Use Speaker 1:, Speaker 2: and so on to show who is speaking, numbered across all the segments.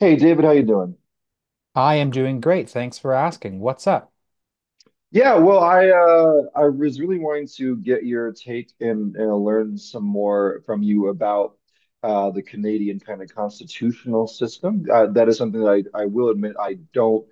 Speaker 1: Hey David, how you doing?
Speaker 2: I am doing great. Thanks for asking. What's up?
Speaker 1: Yeah, well, I was really wanting to get your take and learn some more from you about the Canadian kind of constitutional system. That is something that I will admit I don't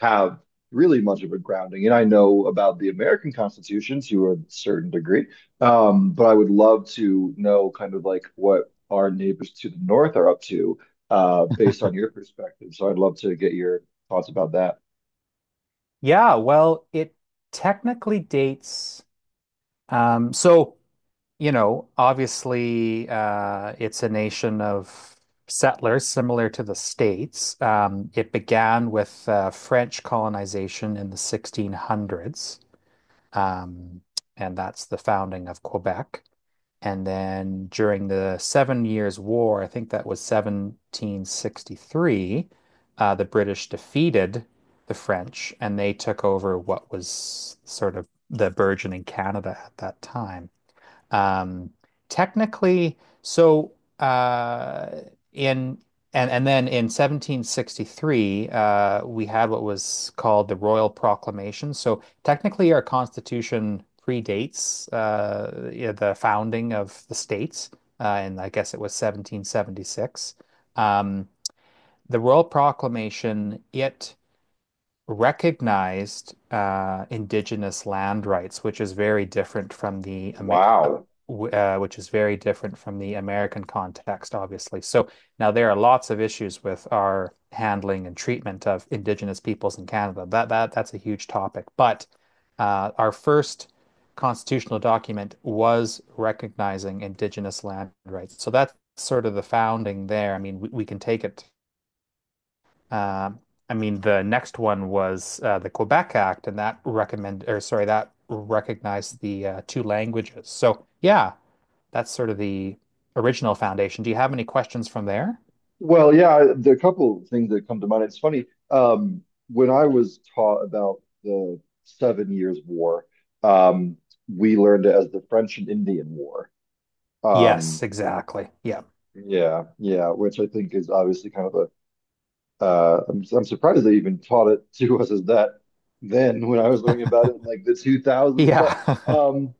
Speaker 1: have really much of a grounding in. I know about the American Constitution to a certain degree, but I would love to know kind of like what our neighbors to the north are up to based on your perspective. So I'd love to get your thoughts about that.
Speaker 2: Yeah, well, it technically dates. Um, so, obviously, it's a nation of settlers similar to the States. It began with French colonization in the 1600s, um, and that's the founding of Quebec. And then during the Seven Years' War, I think that was 1763, the British defeated the French and they took over what was sort of the burgeoning Canada at that time. Um, technically, so uh, in And then in 1763, we had what was called the Royal Proclamation. So technically, our Constitution predates yeah, the founding of the states, and I guess it was 1776. Um, the Royal Proclamation, it recognized indigenous land rights, which is very different from the
Speaker 1: Wow.
Speaker 2: Which is very different from the American context, obviously. So now there are lots of issues with our handling and treatment of indigenous peoples in Canada. That's a huge topic. But our first constitutional document was recognizing indigenous land rights. So that's sort of the founding there. I mean, we can take it uh, I mean, the next one was the Quebec Act, and that recognized the two languages. So yeah, that's sort of the original foundation. Do you have any questions from there?
Speaker 1: Well, yeah, there are a couple of things that come to mind. It's funny, um, when I was taught about the Seven Years' War, um, we learned it as the French and Indian War. Um,
Speaker 2: Yes, exactly. Yeah.
Speaker 1: yeah, yeah, which I think is obviously kind of I'm surprised they even taught it to us as that then when I was learning about it in like the 2000s. But
Speaker 2: Yeah.
Speaker 1: um,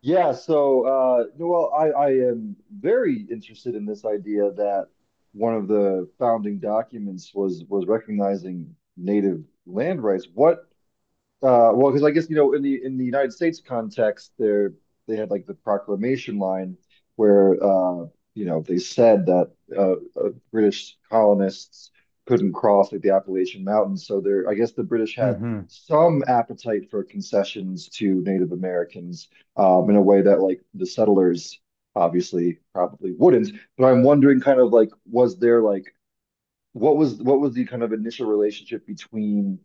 Speaker 1: yeah, so Noel, I am very interested in this idea that one of the founding documents was recognizing native land rights. What well, because I guess you know, in the United States context, there they had like the proclamation line where you know they said that uh, British colonists couldn't cross like the Appalachian Mountains. So there, I guess the British had
Speaker 2: hmm
Speaker 1: some appetite for concessions to Native Americans in a way that like the settlers obviously probably wouldn't. But I'm wondering, kind of like, was there like what was the kind of initial relationship between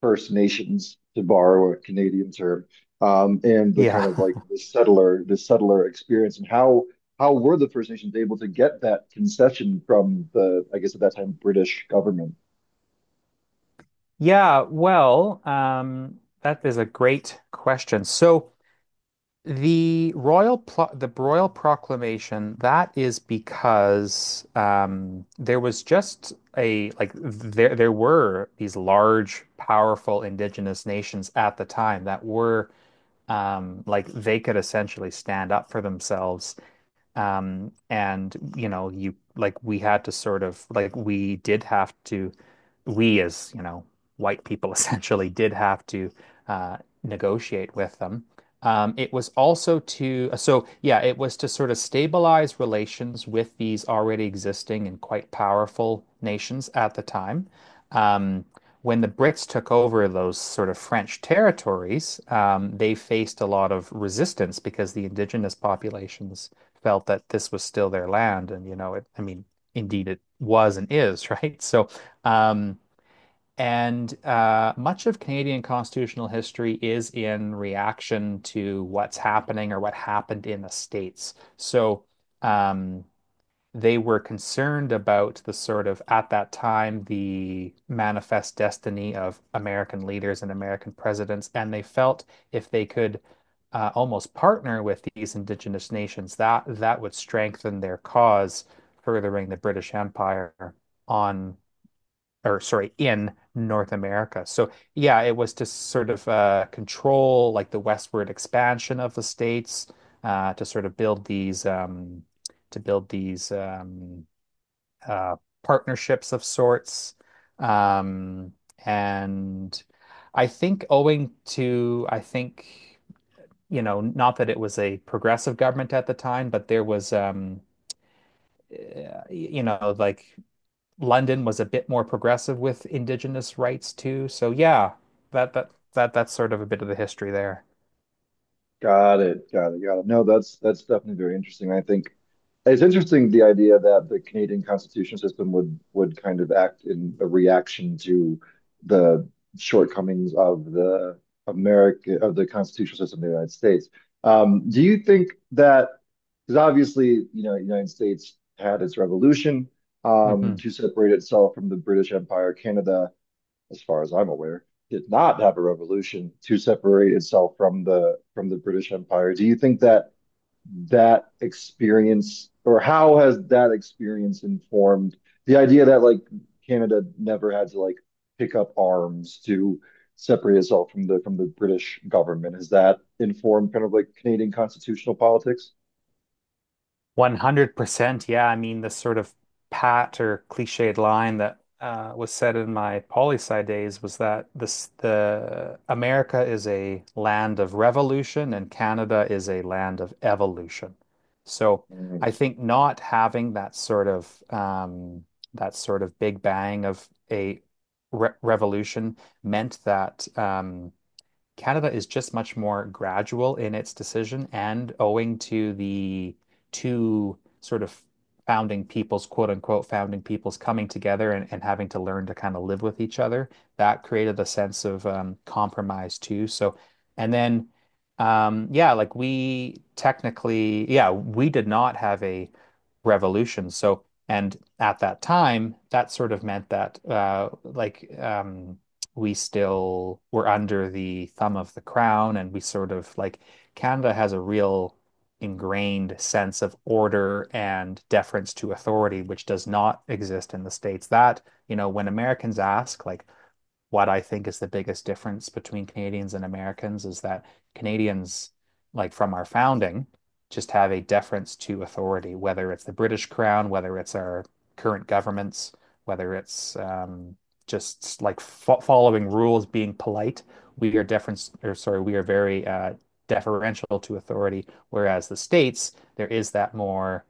Speaker 1: First Nations, to borrow a Canadian term, and the kind
Speaker 2: Yeah.
Speaker 1: of like the settler experience, and how were the First Nations able to get that concession from the, I guess at that time, British government?
Speaker 2: Yeah. Well, that is a great question. So. The royal proclamation, that is because there was just a like there were these large, powerful indigenous nations at the time that were like they could essentially stand up for themselves. And you know, you like we had to we did have to we as, you know, white people essentially did have to uh, negotiate with them. It was also to, so yeah, it was to sort of stabilize relations with these already existing and quite powerful nations at the time. Um, when the Brits took over those sort of French territories, they faced a lot of resistance because the indigenous populations felt that this was still their land. And, you know, I mean, indeed it was and is, right? So, um, and much of Canadian constitutional history is in reaction to what's happening or what happened in the States. So um, they were concerned about the sort of, at that time, the manifest destiny of American leaders and American presidents. And they felt if they could almost partner with these indigenous nations, that that would strengthen their cause, furthering the British Empire on in North America. So yeah, it was to sort of control like the westward expansion of the states to sort of build these to build these uh, partnerships of sorts. Um, and I think owing to I think you know, not that it was a progressive government at the time, but there was uh, you know, like London was a bit more progressive with indigenous rights too. So yeah, that's sort of a bit of the history there.
Speaker 1: Got it. Got it. Got it. No, that's definitely very interesting. I think it's interesting the idea that the Canadian constitutional system would kind of act in a reaction to the shortcomings of the constitutional system in the United States. Do you think that because obviously, you know, the United States had its revolution
Speaker 2: Hmm
Speaker 1: to separate itself from the British Empire, Canada, as far as I'm aware, did not have a revolution to separate itself from the British Empire. Do you think that that experience or how has that experience informed the idea that like Canada never had to like pick up arms to separate itself from the British government? Has that informed kind of like Canadian constitutional politics?
Speaker 2: 100%. Yeah, I mean, the sort of pat or cliched line that was said in my poli sci days was that this the America is a land of revolution and Canada is a land of evolution. So I
Speaker 1: Mm.
Speaker 2: think not having that sort of big bang of a re revolution meant that Canada is just much more gradual in its decision, and owing to the two sort of founding peoples, quote unquote, founding peoples coming together and having to learn to kind of live with each other, that created a sense of compromise too. And then, yeah, like we technically, yeah, we did not have a revolution. So, and at that time, that sort of meant that we still were under the thumb of the crown and we Canada has a real ingrained sense of order and deference to authority which does not exist in the States. That You know, when Americans ask like what I think is the biggest difference between Canadians and Americans is that Canadians, like from our founding, just have a deference to authority, whether it's the British Crown, whether it's our current governments, whether it's just like fo following rules, being polite. We are deference, or sorry, we are very deferential to authority. Whereas the States, there is that more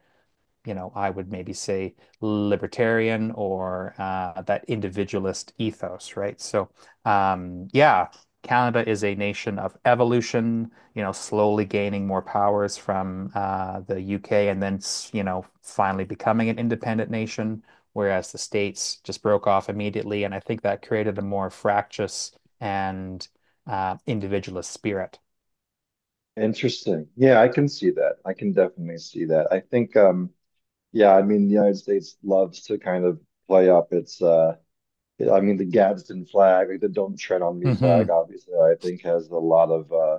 Speaker 2: you know, I would maybe say libertarian or that individualist ethos, right? Yeah, Canada is a nation of evolution, you know, slowly gaining more powers from the UK and then, you know, finally becoming an independent nation, whereas the States just broke off immediately. And I think that created a more fractious and individualist spirit.
Speaker 1: Interesting. Yeah, I can see that. I can definitely see that. I think yeah, I mean, the United States loves to kind of play up its I mean the Gadsden flag, like the Don't Tread on Me flag,
Speaker 2: Hmm
Speaker 1: obviously, I think has a lot of uh,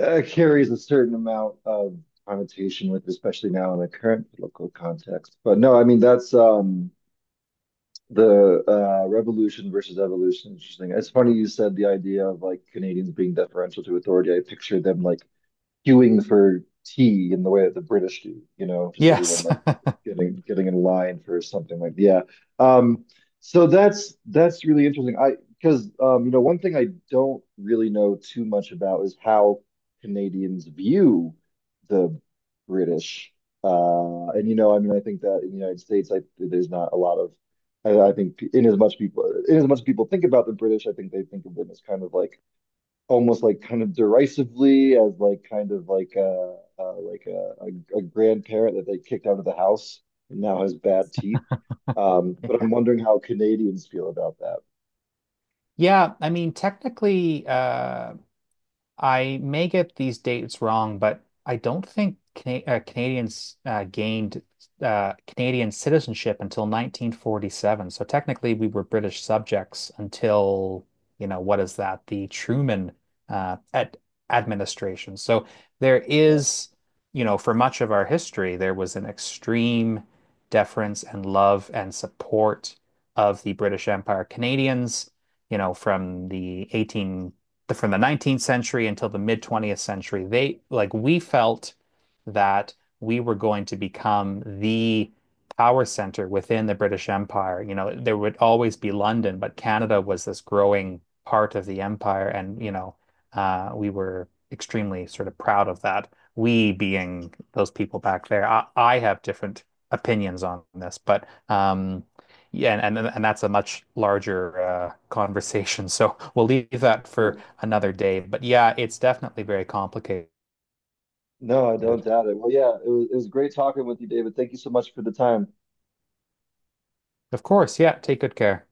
Speaker 1: uh carries a certain amount of connotation with, especially now in the current political context. But no, I mean that's the revolution versus evolution. Interesting. It's funny you said the idea of like Canadians being deferential to authority. I pictured them like queuing for tea in the way that the British do, you know, just everyone
Speaker 2: Yes.
Speaker 1: like getting in line for something like yeah. Um, so that's really interesting. I, because you know, one thing I don't really know too much about is how Canadians view the British. And you know, I mean, I think that in the United States, I there's not a lot of I think in as much people think about the British, I think they think of them as kind of like almost like kind of derisively as like kind of like a grandparent that they kicked out of the house and now has bad teeth. But
Speaker 2: Yeah.
Speaker 1: I'm wondering how Canadians feel about that.
Speaker 2: Yeah, I mean, technically, I may get these dates wrong, but I don't think Canadians gained Canadian citizenship until 1947. So technically, we were British subjects until, you know, what is that? The Truman ad administration. So there
Speaker 1: You know?
Speaker 2: is, you know, for much of our history, there was an extreme deference and love and support of the British Empire. Canadians you know, from the 19th century until the mid 20th century, they like we felt that we were going to become the power center within the British Empire. You know, there would always be London, but Canada was this growing part of the empire, and you know, we were extremely sort of proud of that. We being those people back there. I have different opinions on this, but yeah, and that's a much larger conversation. So we'll leave that
Speaker 1: Yeah.
Speaker 2: for another day. But yeah, it's definitely very complicated.
Speaker 1: No, I don't doubt it. Well, yeah, it was great talking with you, David. Thank you so much for the time.
Speaker 2: Of course, yeah, take good care.